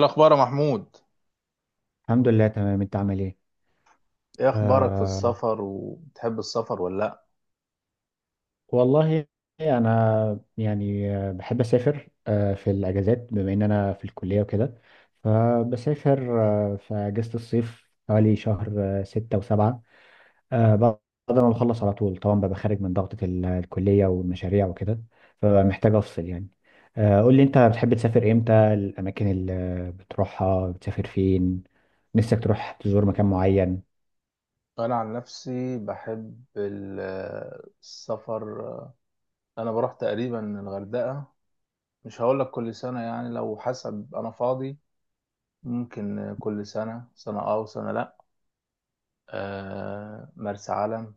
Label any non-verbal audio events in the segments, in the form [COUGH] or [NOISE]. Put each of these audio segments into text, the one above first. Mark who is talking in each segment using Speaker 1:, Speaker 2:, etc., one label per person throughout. Speaker 1: الأخبار يا محمود.
Speaker 2: الحمد لله، تمام. انت عامل ايه؟
Speaker 1: ايه اخبارك في
Speaker 2: آه،
Speaker 1: السفر؟ وبتحب السفر ولا لا؟
Speaker 2: والله، انا يعني، بحب اسافر في الاجازات، بما ان انا في الكليه وكده، فبسافر في اجازه الصيف حوالي شهر 6 و7، بعد ما بخلص على طول، طبعا ببقى خارج من ضغطة الكليه والمشاريع وكده، فمحتاج افصل يعني. قول لي، انت بتحب تسافر امتى؟ الاماكن اللي بتروحها، بتسافر فين؟ نفسك تروح تزور مكان معين؟
Speaker 1: انا عن نفسي بحب السفر. انا بروح تقريبا الغردقة، مش هقول لك كل سنة، يعني لو حسب انا فاضي، ممكن كل سنة سنة اه وسنة لا. مرسى علم.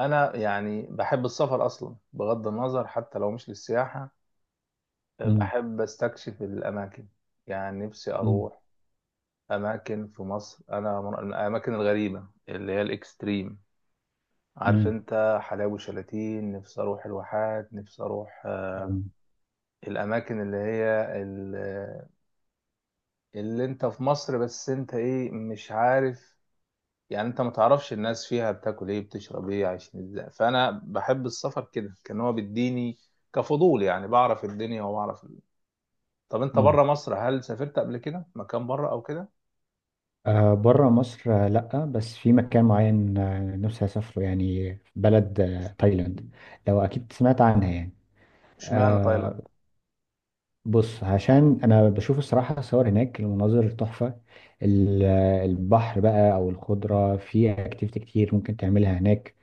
Speaker 1: انا يعني بحب السفر اصلا بغض النظر حتى لو مش للسياحة.
Speaker 2: مم.
Speaker 1: بحب استكشف الاماكن. يعني نفسي
Speaker 2: مم.
Speaker 1: اروح اماكن في مصر، انا من الاماكن الغريبه اللي هي الاكستريم. عارف انت حلاوي وشلاتين؟ نفسي اروح الواحات، نفسي اروح
Speaker 2: مم.
Speaker 1: الاماكن اللي هي ال- اللي انت في مصر بس انت ايه مش عارف. يعني انت ما تعرفش الناس فيها بتاكل ايه، بتشرب ايه، عايشين ازاي. فانا بحب السفر كده، كان هو بيديني كفضول، يعني بعرف الدنيا وبعرف طب انت
Speaker 2: مم.
Speaker 1: بره مصر هل سافرت قبل كده مكان بره او كده؟
Speaker 2: آه، بره مصر، لأ، بس في مكان معين، نفسي أسافره يعني، بلد تايلاند، لو أكيد سمعت عنها يعني.
Speaker 1: اشمعنى
Speaker 2: آه،
Speaker 1: تايلاند؟
Speaker 2: بص، عشان أنا بشوف الصراحة صور هناك، المناظر تحفة. البحر بقى، أو الخضرة، في أكتيفيتي كتير ممكن تعملها هناك.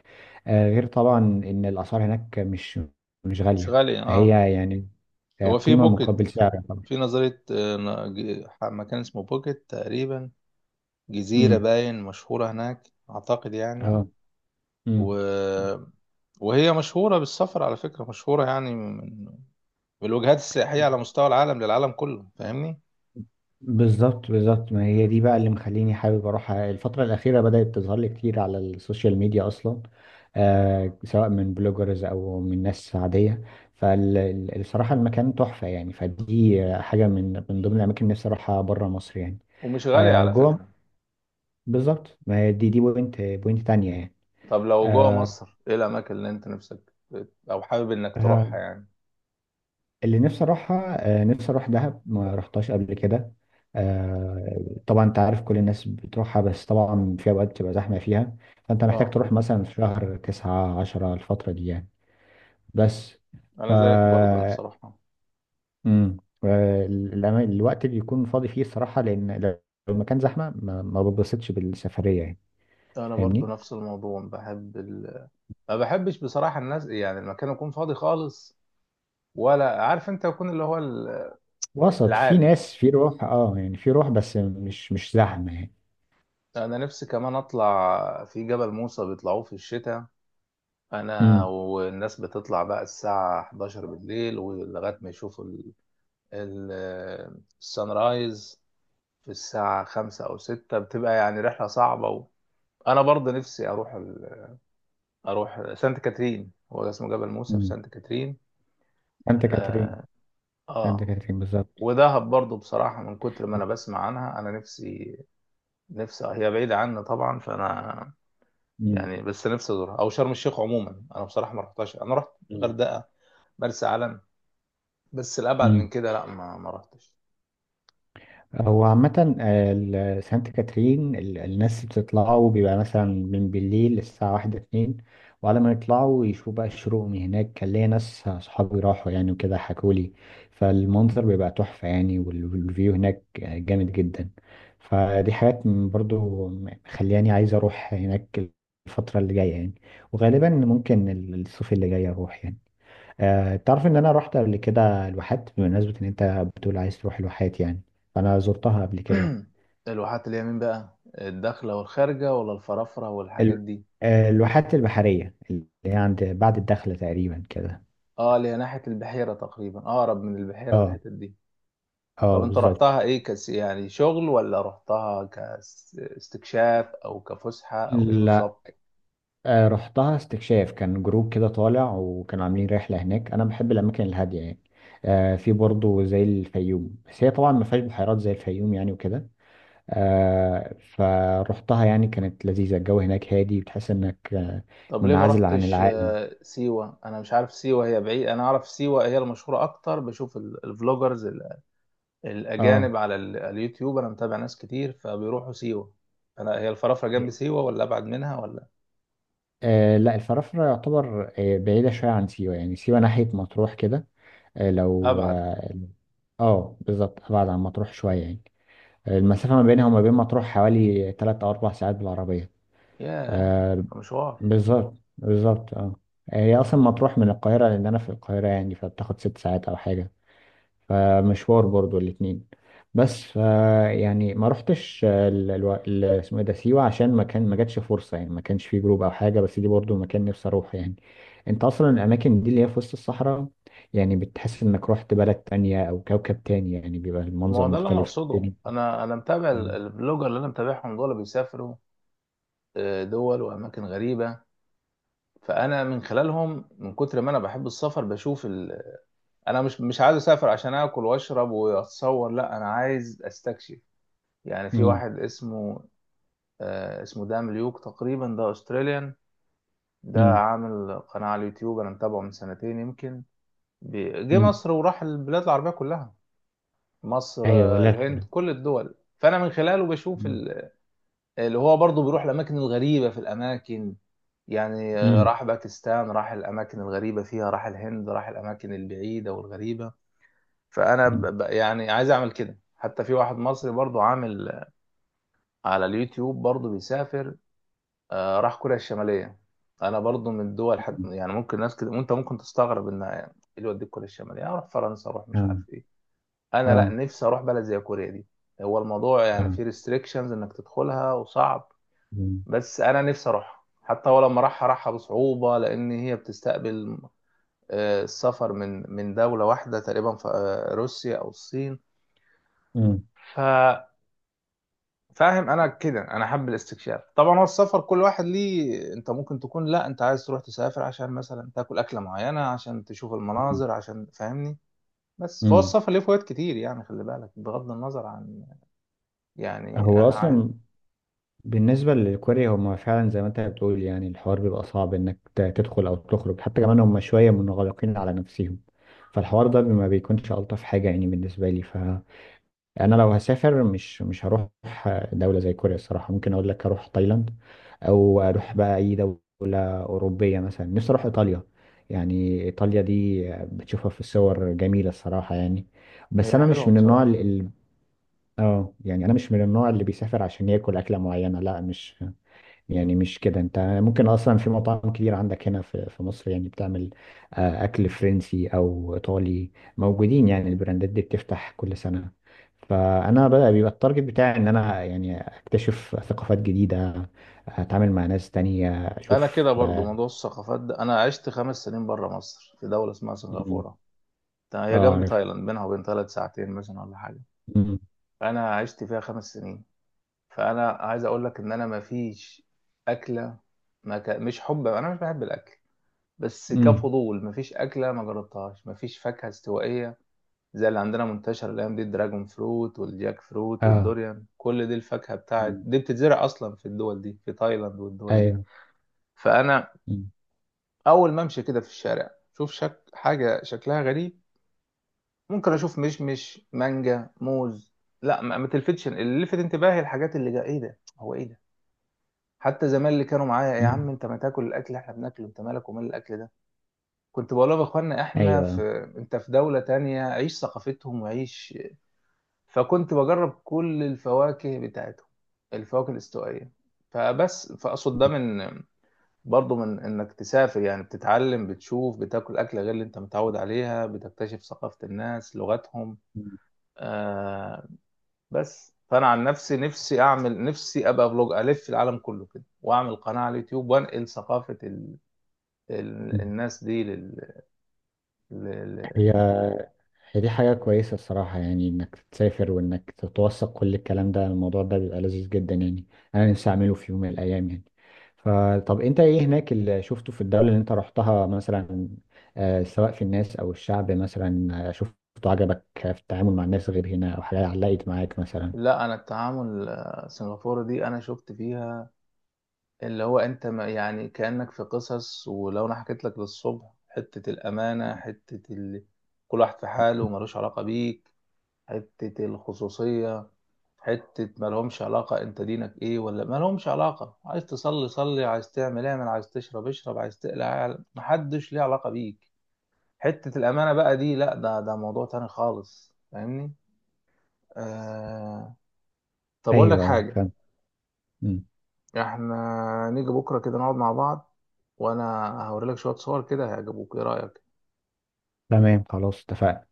Speaker 2: غير طبعا إن الأسعار هناك مش
Speaker 1: مش
Speaker 2: غالية،
Speaker 1: غالي اه.
Speaker 2: فهي يعني
Speaker 1: هو في
Speaker 2: قيمة
Speaker 1: بوكيت،
Speaker 2: مقابل سعر طبعا.
Speaker 1: في نظرية مكان اسمه بوكيت تقريبا، جزيرة
Speaker 2: مم.
Speaker 1: باين مشهورة هناك أعتقد يعني.
Speaker 2: اه.
Speaker 1: و...
Speaker 2: مم.
Speaker 1: وهي مشهورة بالسفر على فكرة، مشهورة يعني من بالوجهات السياحية على مستوى العالم، للعالم كله، فاهمني.
Speaker 2: بالظبط بالظبط، ما هي دي بقى اللي مخليني حابب اروح، الفترة الأخيرة بدأت تظهر لي كتير على السوشيال ميديا أصلا، آه، سواء من بلوجرز أو من ناس عادية. فالصراحة المكان تحفة يعني، فدي حاجة من ضمن الأماكن اللي نفسي أروحها بره مصر يعني.
Speaker 1: ومش غالية
Speaker 2: آه،
Speaker 1: على
Speaker 2: جوه.
Speaker 1: فكرة.
Speaker 2: بالظبط، ما هي دي بوينت تانية يعني.
Speaker 1: طب لو جوه
Speaker 2: آه،
Speaker 1: مصر، إيه الأماكن اللي أنت نفسك أو حابب إنك تروحها يعني؟
Speaker 2: اللي نفسي اروحها، نفسي اروح دهب، ما رحتهاش قبل كده. آه، طبعا انت عارف كل الناس بتروحها، بس طبعا في اوقات بتبقى زحمه فيها، فانت محتاج
Speaker 1: اه.
Speaker 2: تروح مثلا في شهر تسعة، عشرة، الفتره دي يعني. بس ف،
Speaker 1: أنا زيك برضه نفسي أروحها.
Speaker 2: مم. الوقت اللي يكون فاضي فيه الصراحه، لان لو المكان زحمه ما بتبسطش بالسفريه يعني.
Speaker 1: أنا برضه
Speaker 2: فاهمني؟
Speaker 1: نفس الموضوع، بحب ما بحبش بصراحة الناس، يعني المكان يكون فاضي خالص ولا. عارف انت يكون اللي هو
Speaker 2: وسط، في
Speaker 1: العادي.
Speaker 2: ناس، في روح اه يعني، في روح، بس مش زحمه يعني.
Speaker 1: انا نفسي كمان اطلع في جبل موسى، بيطلعوه في الشتاء. انا
Speaker 2: امم.
Speaker 1: والناس بتطلع بقى الساعة 11 بالليل ولغاية ما يشوفوا ال- السان رايز في الساعة 5 او 6، بتبقى يعني رحلة صعبة انا برضه نفسي اروح سانت كاترين، هو اسمه جبل موسى في
Speaker 2: امم.
Speaker 1: سانت كاترين.
Speaker 2: سانت كاترين.
Speaker 1: اه.
Speaker 2: سانت
Speaker 1: آه.
Speaker 2: كاترين بالظبط.
Speaker 1: ودهب برضه بصراحة من كتر ما أنا بسمع عنها، أنا نفسي. نفسي هي بعيدة عني طبعا، فأنا يعني بس نفسي ازورها، او شرم الشيخ. عموما انا بصراحه ما رحتهاش، انا رحت
Speaker 2: مم.
Speaker 1: غردقه، مرسى علم، بس الابعد من
Speaker 2: مم.
Speaker 1: كده لا، ما رحتش.
Speaker 2: هو عامة، سانت كاترين، الناس بتطلعوا بيبقى مثلا من بالليل الساعة واحدة، اتنين، وعلى ما يطلعوا يشوفوا بقى الشروق من هناك. كان ليا ناس صحابي راحوا يعني وكده حكولي، فالمنظر بيبقى تحفة يعني، والفيو هناك جامد جدا. فدي حاجات برضو مخلياني عايز اروح هناك الفترة اللي جاية يعني. وغالبا ممكن الصيف اللي جاي اروح يعني. آه، تعرف ان انا رحت قبل كده الواحات، بمناسبة ان انت بتقول عايز تروح الواحات يعني، فانا زرتها قبل كده.
Speaker 1: [CLEARS THROAT] الواحات اللي هي مين بقى؟ الداخله والخارجه ولا الفرافره والحاجات
Speaker 2: ال-
Speaker 1: دي؟
Speaker 2: الواحات البحرية اللي هي عند بعد الدخلة تقريبا كده.
Speaker 1: اه، اللي هي ناحيه البحيره تقريبا، اقرب من البحيره
Speaker 2: اه.
Speaker 1: والحتت دي. طب
Speaker 2: اه
Speaker 1: انت
Speaker 2: بالظبط.
Speaker 1: رحتها ايه كس، يعني شغل ولا رحتها كاستكشاف او كفسحه، او ايه
Speaker 2: لا،
Speaker 1: بالظبط؟
Speaker 2: رحتها استكشاف، كان جروب كده طالع وكانوا عاملين رحلة هناك. انا بحب الاماكن الهادية يعني. في برضه زي الفيوم، بس هي طبعا ما فيهاش بحيرات زي الفيوم يعني وكده. فرحتها يعني كانت لذيذة، الجو هناك هادي، وتحس انك
Speaker 1: طب ليه ما
Speaker 2: منعزل عن
Speaker 1: رحتش
Speaker 2: العالم.
Speaker 1: سيوه؟ انا مش عارف سيوه هي بعيد، انا اعرف سيوه هي المشهوره اكتر، بشوف الفلوجرز
Speaker 2: اه.
Speaker 1: الأجانب على اليوتيوب. أنا متابع ناس كتير فبيروحوا سيوة. أنا هي الفرافرة جنب سيوة ولا أبعد منها ولا؟
Speaker 2: لا، الفرافرة يعتبر بعيدة شوية عن سيوة، يعني سيوة ناحية مطروح كده. آه، لو
Speaker 1: أبعد.
Speaker 2: اه آه، بالظبط، أبعد عن مطروح شوية يعني. المسافة ما بينها وما بين مطروح حوالي 3 أو 4 ساعات بالعربية.
Speaker 1: ياه،
Speaker 2: آه،
Speaker 1: ده مشوار.
Speaker 2: بالظبط بالظبط اه. هي أصلا مطروح من القاهرة، لأن أنا في القاهرة يعني، فبتاخد 6 ساعات أو حاجة، فمشوار برضو الاتنين. بس ف، يعني ما رحتش اسمه ايه ده، سيوة، عشان ما كان ما جاتش فرصة يعني، ما كانش فيه جروب او حاجة، بس دي برضو مكان نفسي اروح يعني. انت اصلا الاماكن دي اللي هي في وسط الصحراء، يعني بتحس انك رحت بلد تانية او كوكب تاني يعني، بيبقى
Speaker 1: ما
Speaker 2: المنظر
Speaker 1: هو ده اللي أنا
Speaker 2: مختلف
Speaker 1: أقصده،
Speaker 2: تاني.
Speaker 1: أنا متابع
Speaker 2: مم.
Speaker 1: البلوجر اللي أنا متابعهم، دول بيسافروا دول وأماكن غريبة. فأنا من خلالهم، من كتر ما أنا بحب السفر، بشوف أنا مش عايز أسافر عشان آكل وأشرب وأتصور، لا، أنا عايز أستكشف. يعني في
Speaker 2: مم.
Speaker 1: واحد اسمه اسمه دام ليوك تقريبا، ده أستراليان. ده
Speaker 2: مم.
Speaker 1: عامل قناة على اليوتيوب، أنا متابعه من سنتين يمكن. جه
Speaker 2: مم.
Speaker 1: مصر وراح البلاد العربية كلها، مصر،
Speaker 2: ايوه، لا
Speaker 1: الهند،
Speaker 2: فعلا.
Speaker 1: كل الدول. فأنا من خلاله بشوف
Speaker 2: مم.
Speaker 1: اللي هو برضه بيروح الأماكن الغريبة في الأماكن، يعني
Speaker 2: مم.
Speaker 1: راح باكستان، راح الأماكن الغريبة فيها، راح الهند، راح الأماكن البعيدة والغريبة. فأنا
Speaker 2: مم.
Speaker 1: يعني عايز أعمل كده. حتى في واحد مصري برضه عامل على اليوتيوب برضه بيسافر، راح كوريا الشمالية. أنا برضو من الدول، حد
Speaker 2: مم.
Speaker 1: يعني ممكن، ناس كده وأنت ممكن تستغرب إن إيه اللي يوديك كوريا الشمالية، أروح فرنسا، أروح مش
Speaker 2: اه.
Speaker 1: عارف إيه. أنا لأ،
Speaker 2: اه.
Speaker 1: نفسي أروح بلد زي كوريا دي. هو الموضوع يعني
Speaker 2: اه.
Speaker 1: فيه ريستريكشنز إنك تدخلها وصعب،
Speaker 2: مم.
Speaker 1: بس أنا نفسي أروحها. حتى هو لما راحها، راحها بصعوبة، لأن هي بتستقبل السفر من دولة واحدة تقريبا، في روسيا أو الصين.
Speaker 2: مم.
Speaker 1: فاهم، انا كده انا حابب الاستكشاف. طبعا هو السفر كل واحد ليه، انت ممكن تكون لا، انت عايز تروح تسافر عشان مثلا تاكل اكله معينه، عشان تشوف
Speaker 2: مم.
Speaker 1: المناظر، عشان فاهمني. بس فهو
Speaker 2: مم.
Speaker 1: السفر ليه فوائد كتير يعني، خلي بالك، بغض النظر عن، يعني
Speaker 2: هو
Speaker 1: انا
Speaker 2: اصلا
Speaker 1: عايز.
Speaker 2: بالنسبة للكوري، هما فعلا زي ما انت بتقول يعني، الحوار بيبقى صعب انك تدخل او تخرج، حتى كمان هما شوية منغلقين على نفسهم، فالحوار ده ما بيكونش ألطف حاجة يعني بالنسبة لي. فأنا لو هسافر، مش هروح دولة زي كوريا الصراحة. ممكن أقول لك أروح تايلاند، أو أروح بقى أي دولة أوروبية، مثلا نفسي أروح إيطاليا. يعني إيطاليا دي بتشوفها في الصور جميلة الصراحة يعني. بس
Speaker 1: هي
Speaker 2: أنا مش
Speaker 1: حلوه
Speaker 2: من النوع
Speaker 1: بصراحه.
Speaker 2: اللي اه، يعني انا مش من النوع اللي بيسافر عشان ياكل اكله معينه، لا، مش يعني، مش كده. انت ممكن اصلا في مطاعم كتير عندك هنا في مصر يعني بتعمل اكل فرنسي او ايطالي، موجودين يعني، البراندات دي بتفتح كل سنة. فانا بقى بيبقى التارجت بتاعي ان انا يعني اكتشف ثقافات جديدة، اتعامل مع ناس تانية،
Speaker 1: انا
Speaker 2: اشوف
Speaker 1: كده برضو،
Speaker 2: اه.
Speaker 1: موضوع الثقافات ده، انا عشت خمس سنين بره مصر في دوله اسمها
Speaker 2: مم.
Speaker 1: سنغافوره. ده هي
Speaker 2: آه،
Speaker 1: جنب
Speaker 2: عارف.
Speaker 1: تايلاند، بينها وبين تايلاند ساعتين مثلا ولا حاجه.
Speaker 2: مم.
Speaker 1: فانا عشت فيها خمس سنين. فانا عايز اقول لك ان انا ما فيش اكله، ما ك... مش حب، انا مش بحب الاكل بس
Speaker 2: مم.
Speaker 1: كفضول، ما فيش اكله ما جربتهاش، ما فيش فاكهه استوائيه زي اللي عندنا منتشر الايام دي، الدراجون فروت والجاك فروت
Speaker 2: اه.
Speaker 1: والدوريان، كل دي الفاكهه بتاعت
Speaker 2: مم.
Speaker 1: دي بتتزرع اصلا في الدول دي، في تايلاند والدول دي.
Speaker 2: ايوه.
Speaker 1: فانا
Speaker 2: مم.
Speaker 1: اول ما امشي كده في الشارع، شوف حاجه شكلها غريب، ممكن اشوف مشمش مانجا موز لا، ما تلفتش. اللي لفت انتباهي الحاجات اللي جا، ايه ده، هو ايه ده؟ حتى زمان اللي كانوا معايا، يا
Speaker 2: مم.
Speaker 1: عم انت ما تاكل الاكل اللي احنا بناكله، انت مالك ومال الاكل ده، كنت بقول لهم يا اخوانا احنا
Speaker 2: ايوه.
Speaker 1: في، انت في دولة تانية عيش ثقافتهم وعيش. فكنت بجرب كل الفواكه بتاعتهم، الفواكه الاستوائية. فبس فاقصد ده من، برضه من انك تسافر، يعني بتتعلم، بتشوف، بتاكل اكله غير اللي انت متعود عليها، بتكتشف ثقافة الناس، لغتهم.
Speaker 2: مم.
Speaker 1: آه بس فانا عن نفسي اعمل، نفسي ابقى فلوج الف العالم كله كده، واعمل قناه على اليوتيوب، وانقل ثقافه الناس دي لل...
Speaker 2: هي هي دي حاجة كويسة الصراحة يعني، إنك تسافر وإنك تتوثق كل الكلام ده، الموضوع ده بيبقى لذيذ جدا يعني. أنا نفسي أعمله في يوم من الأيام يعني. فطب أنت إيه هناك اللي شفته في الدولة اللي أنت رحتها مثلا، سواء في الناس أو الشعب مثلا، شفته عجبك في التعامل مع الناس غير هنا، أو حاجة علقت معاك مثلا؟
Speaker 1: لا، انا التعامل السنغافوري دي انا شفت فيها اللي هو، انت ما يعني كأنك في قصص، ولو انا حكيت لك للصبح حتة الامانة، حتة كل واحد في حاله وملوش علاقة بيك، حتة الخصوصية، حتة ما لهمش علاقة انت دينك ايه ولا، ما لهمش علاقة، عايز تصلي صلي، عايز تعمل اعمل، عايز تشرب اشرب، عايز تقلع اعلع. محدش ليه علاقة بيك. حتة الامانة بقى دي، لا، ده موضوع تاني خالص، فاهمني. آه، طب اقول لك
Speaker 2: أيوه
Speaker 1: حاجه،
Speaker 2: فاهم. مم.
Speaker 1: احنا نيجي بكره كده نقعد مع بعض، وانا هوري لك شويه صور كده هيعجبوك، ايه رايك؟
Speaker 2: تمام، خلاص اتفقنا.